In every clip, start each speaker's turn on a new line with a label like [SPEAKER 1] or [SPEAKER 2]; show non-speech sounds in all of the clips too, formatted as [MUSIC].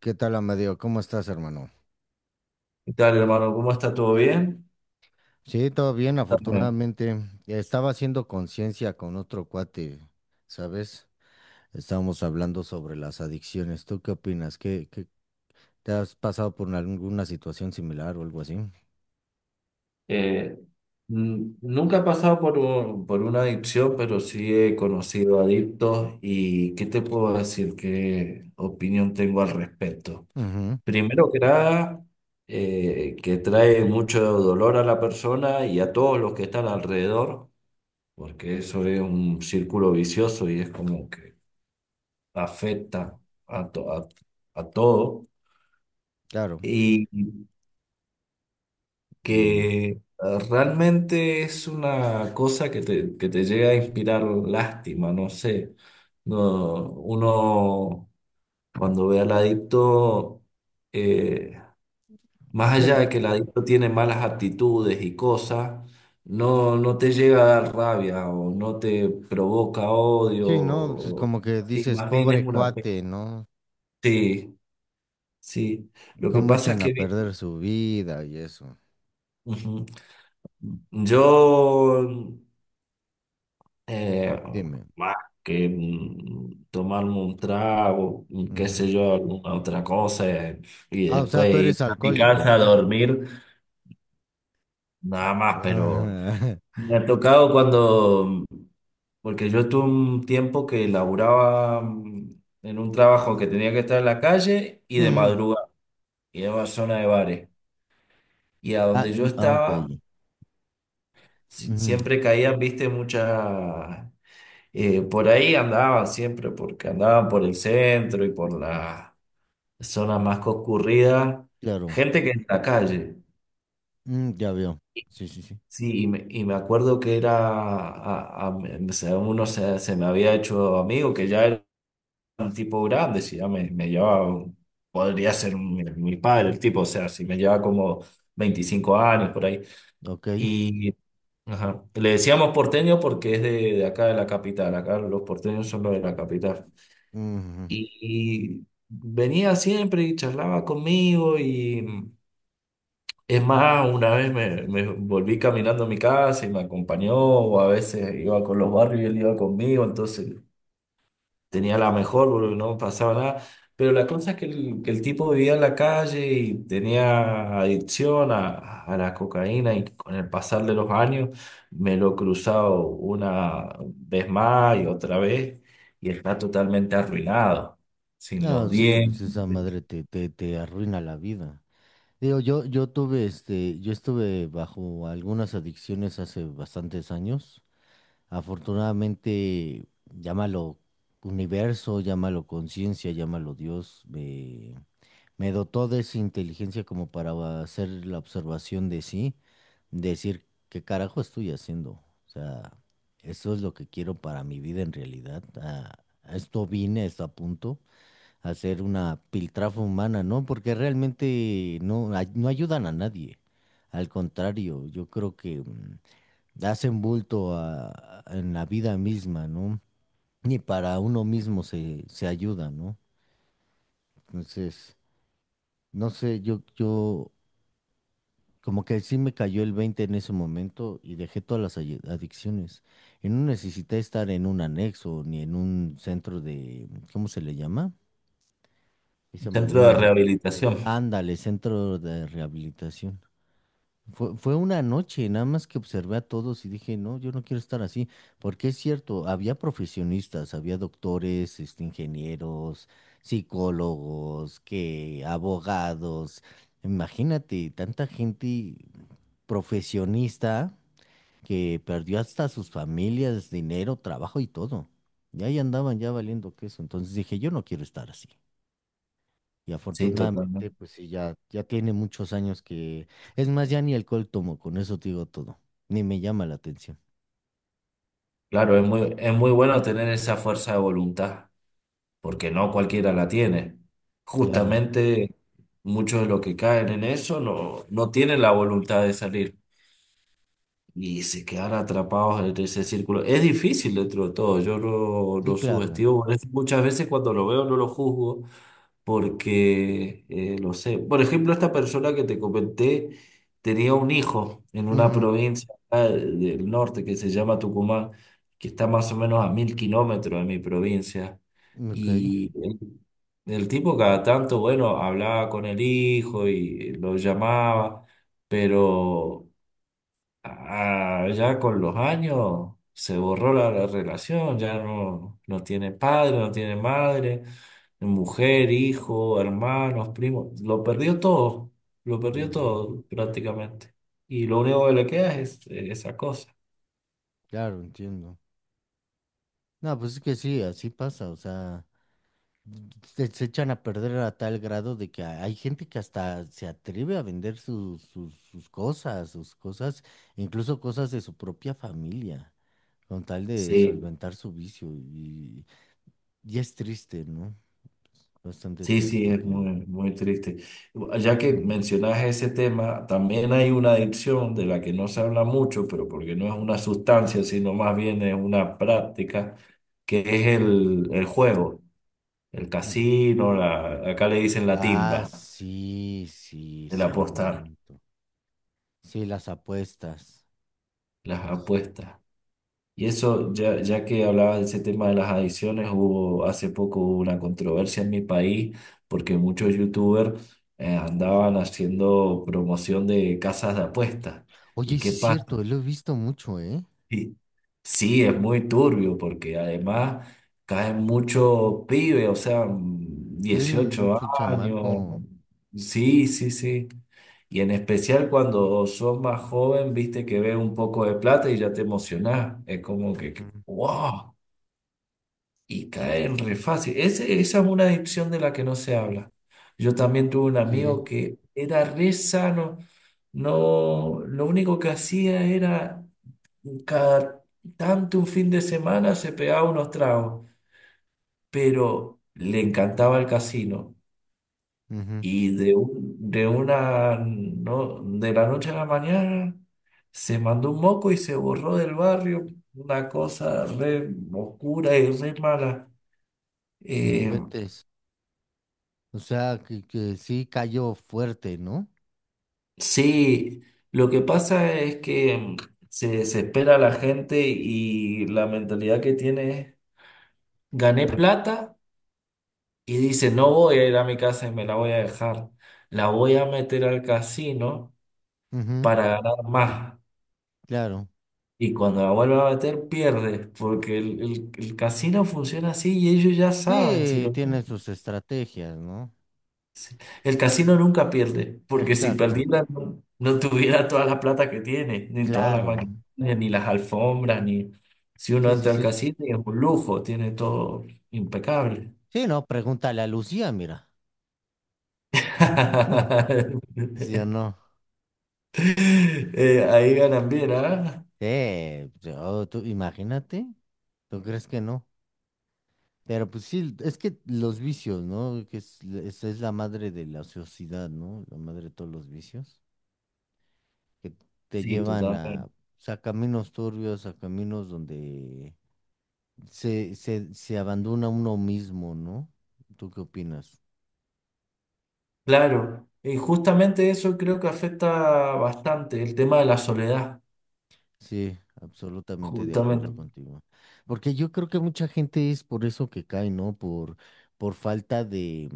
[SPEAKER 1] ¿Qué tal, Amadeo? ¿Cómo estás, hermano?
[SPEAKER 2] ¿Qué tal, hermano? ¿Cómo está? ¿Todo bien?
[SPEAKER 1] Sí, todo bien,
[SPEAKER 2] Contame.
[SPEAKER 1] afortunadamente. Estaba haciendo conciencia con otro cuate, ¿sabes? Estábamos hablando sobre las adicciones. ¿Tú qué opinas? ¿Te has pasado por alguna situación similar o algo así?
[SPEAKER 2] Eh, Nunca he pasado por una adicción, pero sí he conocido adictos y ¿qué te puedo decir? ¿Qué opinión tengo al respecto?
[SPEAKER 1] Ujú,
[SPEAKER 2] Primero que nada, que trae mucho dolor a la persona y a todos los que están alrededor, porque eso es un círculo vicioso y es como que afecta a, to- a, a todo.
[SPEAKER 1] claro.
[SPEAKER 2] Y
[SPEAKER 1] Y,
[SPEAKER 2] que realmente es una cosa que te llega a inspirar lástima, no sé. No, uno cuando ve al adicto, eh, más
[SPEAKER 1] sí,
[SPEAKER 2] allá
[SPEAKER 1] el-
[SPEAKER 2] de que el adicto tiene malas actitudes y cosas, no te llega a dar rabia o no te provoca odio.
[SPEAKER 1] sí, ¿no? Pues
[SPEAKER 2] o-
[SPEAKER 1] como que
[SPEAKER 2] Sí,
[SPEAKER 1] dices,
[SPEAKER 2] más bien
[SPEAKER 1] pobre
[SPEAKER 2] es una.
[SPEAKER 1] cuate, ¿no?
[SPEAKER 2] Sí, sí. Lo que
[SPEAKER 1] ¿Cómo
[SPEAKER 2] pasa es
[SPEAKER 1] echan a
[SPEAKER 2] que.
[SPEAKER 1] perder su vida y eso?
[SPEAKER 2] Ujú. Yo Eh,
[SPEAKER 1] Dime.
[SPEAKER 2] Más que tomarme un trago, qué
[SPEAKER 1] Ujú.
[SPEAKER 2] sé yo, alguna otra cosa, y
[SPEAKER 1] Ah, o sea,
[SPEAKER 2] después
[SPEAKER 1] tú eres
[SPEAKER 2] ir a mi casa a
[SPEAKER 1] alcohólico.
[SPEAKER 2] dormir, nada más, pero
[SPEAKER 1] Ajá.
[SPEAKER 2] me ha tocado cuando, porque yo tuve un tiempo que laburaba en un trabajo que tenía que estar en la calle
[SPEAKER 1] [LAUGHS]
[SPEAKER 2] y de
[SPEAKER 1] Ujú.
[SPEAKER 2] madrugada, y en una zona de bares, y a donde yo
[SPEAKER 1] Ah, ok.
[SPEAKER 2] estaba,
[SPEAKER 1] Ujú,
[SPEAKER 2] siempre caían, viste, muchas. Por ahí andaban siempre, porque andaban por el centro y por las zonas más concurridas,
[SPEAKER 1] claro.
[SPEAKER 2] gente que en la calle.
[SPEAKER 1] Mm, ya veo. Sí, sí, sí.
[SPEAKER 2] Sí, y me acuerdo que era, uno se me había hecho amigo, que ya era un tipo grande, si ya me llevaba, podría ser mi padre el tipo, o sea, si me llevaba como 25 años por ahí.
[SPEAKER 1] Ok.
[SPEAKER 2] Y ajá, le decíamos porteño porque es de acá de la capital, acá los porteños son los de la capital.
[SPEAKER 1] Ujú.
[SPEAKER 2] Y venía siempre y charlaba conmigo y es más, una vez me, me volví caminando a mi casa y me acompañó, o a veces iba con los barrios y él iba conmigo, entonces tenía la mejor, porque no pasaba nada. Pero la cosa es que que el tipo vivía en la calle y tenía adicción a la cocaína y con el pasar de los años me lo he cruzado una vez más y otra vez y está totalmente arruinado, sin los
[SPEAKER 1] No, sí, pues
[SPEAKER 2] dientes,
[SPEAKER 1] esa madre te arruina la vida. Digo, yo tuve este, yo estuve bajo algunas adicciones hace bastantes años. Afortunadamente, llámalo universo, llámalo conciencia, llámalo Dios, me dotó de esa inteligencia como para hacer la observación de sí, decir qué carajo estoy haciendo. O sea, eso es lo que quiero para mi vida en realidad. A esto vine, a esto apunto, a hacer una piltrafa humana, ¿no? Porque realmente no ayudan a nadie. Al contrario, yo creo que hacen bulto en la vida misma, ¿no? Ni para uno mismo se ayuda, ¿no? Entonces, no sé, yo, yo. Como que sí me cayó el 20 en ese momento y dejé todas las adicciones. Y no necesité estar en un anexo ni en un centro de, ¿cómo se le llama? Y se me olvidó
[SPEAKER 2] centro
[SPEAKER 1] el
[SPEAKER 2] de
[SPEAKER 1] nombre.
[SPEAKER 2] rehabilitación.
[SPEAKER 1] Ándale, centro de rehabilitación. Fue una noche, nada más que observé a todos y dije, no, yo no quiero estar así, porque es cierto, había profesionistas, había doctores, este, ingenieros, psicólogos, que abogados, imagínate, tanta gente profesionista que perdió hasta sus familias, dinero, trabajo y todo. Y ahí andaban ya valiendo queso, entonces dije, yo no quiero estar así. Y
[SPEAKER 2] Sí,
[SPEAKER 1] afortunadamente,
[SPEAKER 2] totalmente.
[SPEAKER 1] pues sí, ya tiene muchos años que... Es más, ya ni alcohol tomo, con eso te digo todo. Ni me llama la atención.
[SPEAKER 2] Claro, es muy bueno tener esa fuerza de voluntad, porque no cualquiera la tiene.
[SPEAKER 1] Claro,
[SPEAKER 2] Justamente muchos de los que caen en eso no, no tienen la voluntad de salir y se quedan atrapados en ese círculo. Es difícil dentro de todo, yo no,
[SPEAKER 1] sí,
[SPEAKER 2] no
[SPEAKER 1] claro.
[SPEAKER 2] subestimo, por eso muchas veces cuando lo veo no lo juzgo, porque lo sé. Por ejemplo, esta persona que te comenté tenía un hijo en una
[SPEAKER 1] Ujú,
[SPEAKER 2] provincia acá del norte que se llama Tucumán, que está más o menos a 1000 kilómetros de mi provincia.
[SPEAKER 1] ok,
[SPEAKER 2] Y el, el tipo cada tanto, bueno, hablaba con el hijo y lo llamaba, pero... Ah, ya con los años se borró la relación, ya no, no tiene padre, no tiene madre, mujer, hijo, hermanos, primos, lo perdió
[SPEAKER 1] ujú,
[SPEAKER 2] todo prácticamente. Y lo único que le queda es esa cosa.
[SPEAKER 1] claro, entiendo. No, pues es que sí, así pasa, o sea, se echan a perder a tal grado de que hay gente que hasta se atreve a vender sus cosas, incluso cosas de su propia familia, con tal de
[SPEAKER 2] Sí.
[SPEAKER 1] solventar su vicio y es triste, no. Bastante
[SPEAKER 2] Sí, sí,
[SPEAKER 1] triste
[SPEAKER 2] es
[SPEAKER 1] que...
[SPEAKER 2] muy, muy triste. Ya que
[SPEAKER 1] Ujú.
[SPEAKER 2] mencionas ese tema, también hay una adicción de la que no se habla mucho, pero porque no es una sustancia, sino más bien es una práctica, que es el juego, el
[SPEAKER 1] Mm.
[SPEAKER 2] casino, la, acá le dicen la
[SPEAKER 1] Ah,
[SPEAKER 2] timba,
[SPEAKER 1] sí, sí,
[SPEAKER 2] el apostar,
[SPEAKER 1] cierto. Sí, las apuestas.
[SPEAKER 2] las
[SPEAKER 1] Pues,
[SPEAKER 2] apuestas. Y eso, ya, ya que hablabas de ese tema de las adicciones, hubo hace poco hubo una controversia en mi país porque muchos youtubers andaban haciendo promoción de casas de apuestas.
[SPEAKER 1] oye,
[SPEAKER 2] ¿Y
[SPEAKER 1] sí
[SPEAKER 2] qué
[SPEAKER 1] es cierto,
[SPEAKER 2] pasa?
[SPEAKER 1] lo he visto mucho, ¿eh?
[SPEAKER 2] Sí. Sí, es muy turbio porque además caen muchos pibes, o sea,
[SPEAKER 1] Sí,
[SPEAKER 2] 18
[SPEAKER 1] mucho
[SPEAKER 2] años.
[SPEAKER 1] chamaco.
[SPEAKER 2] Sí, sí, sí. Y en especial cuando sos más joven, viste que ves un poco de plata y ya te emocionás. Es como que,
[SPEAKER 1] Ujú,
[SPEAKER 2] wow, y caen re fácil. Esa es una adicción de la que no se habla. Yo también tuve un
[SPEAKER 1] sí,
[SPEAKER 2] amigo que era re sano. No, lo único que hacía era cada tanto un fin de semana se pegaba unos tragos, pero le encantaba el casino.
[SPEAKER 1] ujú,
[SPEAKER 2] Y de una no, de la noche a la mañana se mandó un moco y se borró del barrio, una cosa re oscura y re mala.
[SPEAKER 1] no
[SPEAKER 2] Eh,
[SPEAKER 1] inventes. O sea, que sí cayó fuerte, ¿no?
[SPEAKER 2] sí, lo que pasa es que se desespera la gente y la mentalidad que tiene es, gané plata. Y dice, no voy a ir a mi casa y me la voy a dejar. La voy a meter al casino
[SPEAKER 1] Ujú,
[SPEAKER 2] para ganar más.
[SPEAKER 1] claro.
[SPEAKER 2] Y cuando la vuelva a meter, pierde, porque el casino funciona así y ellos ya saben si
[SPEAKER 1] Sí,
[SPEAKER 2] lo...
[SPEAKER 1] tiene sus estrategias, ¿no?
[SPEAKER 2] si- El casino nunca pierde, porque si
[SPEAKER 1] Exacto.
[SPEAKER 2] perdiera no, no tuviera toda la plata que tiene, ni todas las
[SPEAKER 1] Claro.
[SPEAKER 2] maquinarias, ni las alfombras, ni... Si uno
[SPEAKER 1] Sí, sí,
[SPEAKER 2] entra al
[SPEAKER 1] sí.
[SPEAKER 2] casino y es un lujo, tiene todo impecable.
[SPEAKER 1] Sí, no, pregúntale a Lucía, mira. ¿No? ¿Sí o
[SPEAKER 2] [LAUGHS]
[SPEAKER 1] no?
[SPEAKER 2] Ahí ganan bien, ¿ah?
[SPEAKER 1] Sí, yo, tú, imagínate, ¿tú crees que no? Pero pues sí, es que los vicios, ¿no? Esa es la madre de la sociedad, ¿no? La madre de todos los vicios, que te
[SPEAKER 2] Sí,
[SPEAKER 1] llevan a,
[SPEAKER 2] totalmente.
[SPEAKER 1] pues, a caminos turbios, a caminos donde se abandona uno mismo, ¿no? ¿Tú qué opinas?
[SPEAKER 2] Claro, y justamente eso creo que afecta bastante, el tema de la soledad,
[SPEAKER 1] Sí, absolutamente de
[SPEAKER 2] justamente.
[SPEAKER 1] acuerdo contigo. Porque yo creo que mucha gente es por eso que cae, ¿no? Por falta de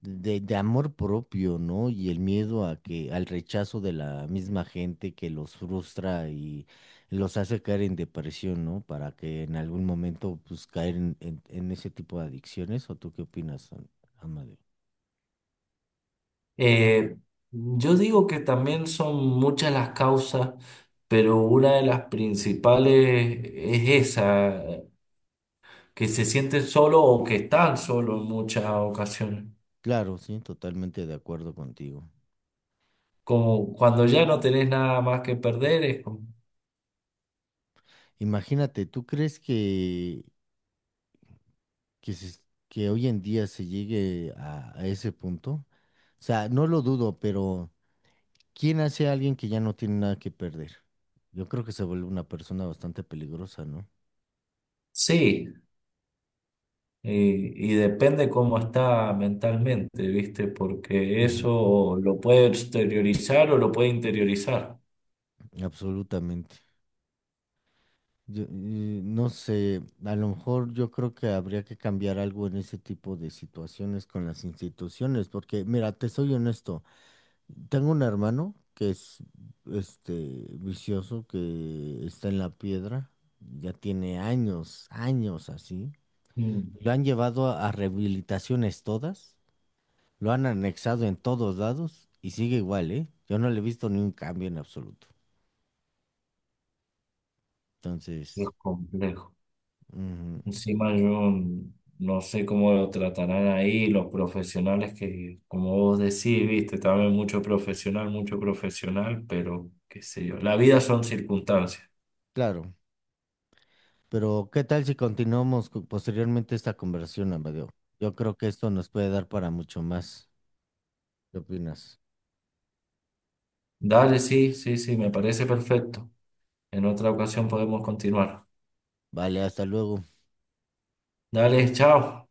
[SPEAKER 1] de amor propio, ¿no? Y el miedo a que, al rechazo de la misma gente que los frustra y los hace caer en depresión, ¿no? Para que en algún momento, pues, caer en ese tipo de adicciones. ¿O tú qué opinas, Amadeo?
[SPEAKER 2] Eh, yo digo que también son muchas las causas, pero una de las principales es esa, que se sienten solo o que están solo en muchas ocasiones.
[SPEAKER 1] Claro, sí, totalmente de acuerdo contigo.
[SPEAKER 2] Como cuando ya no tenés nada más que perder, es como...
[SPEAKER 1] Imagínate, ¿tú crees que, se- ¿que hoy en día se llegue a ese punto? O sea, no lo dudo, pero... ¿Quién hace a alguien que ya no tiene nada que perder? Yo creo que se vuelve una persona bastante peligrosa, ¿no?
[SPEAKER 2] Sí. Y depende cómo está mentalmente, ¿viste? Porque
[SPEAKER 1] Ujú,
[SPEAKER 2] eso lo puede exteriorizar o lo puede interiorizar.
[SPEAKER 1] absolutamente. Yo, no sé, a lo mejor yo creo que habría que cambiar algo en ese tipo de situaciones con las instituciones, porque mira, te soy honesto, tengo un hermano que es este vicioso, que está en la piedra, ya tiene años, años así.
[SPEAKER 2] Mm,
[SPEAKER 1] Lo han llevado a rehabilitaciones todas. Lo han anexado en todos lados y sigue igual, ¿eh? Yo no le he visto ni un cambio en absoluto.
[SPEAKER 2] es
[SPEAKER 1] Entonces,
[SPEAKER 2] complejo.
[SPEAKER 1] ujú,
[SPEAKER 2] Encima yo no sé cómo lo tratarán ahí los profesionales que, como vos decís, ¿viste? También mucho profesional, pero qué sé yo. La vida son circunstancias.
[SPEAKER 1] claro. Pero, ¿qué tal si continuamos posteriormente esta conversación, Amadeo? Yo creo que esto nos puede dar para mucho más. ¿Qué opinas?
[SPEAKER 2] Dale, sí, sí, sí, me parece perfecto. En otra ocasión podemos continuar.
[SPEAKER 1] Vale, hasta luego.
[SPEAKER 2] Dale, chao.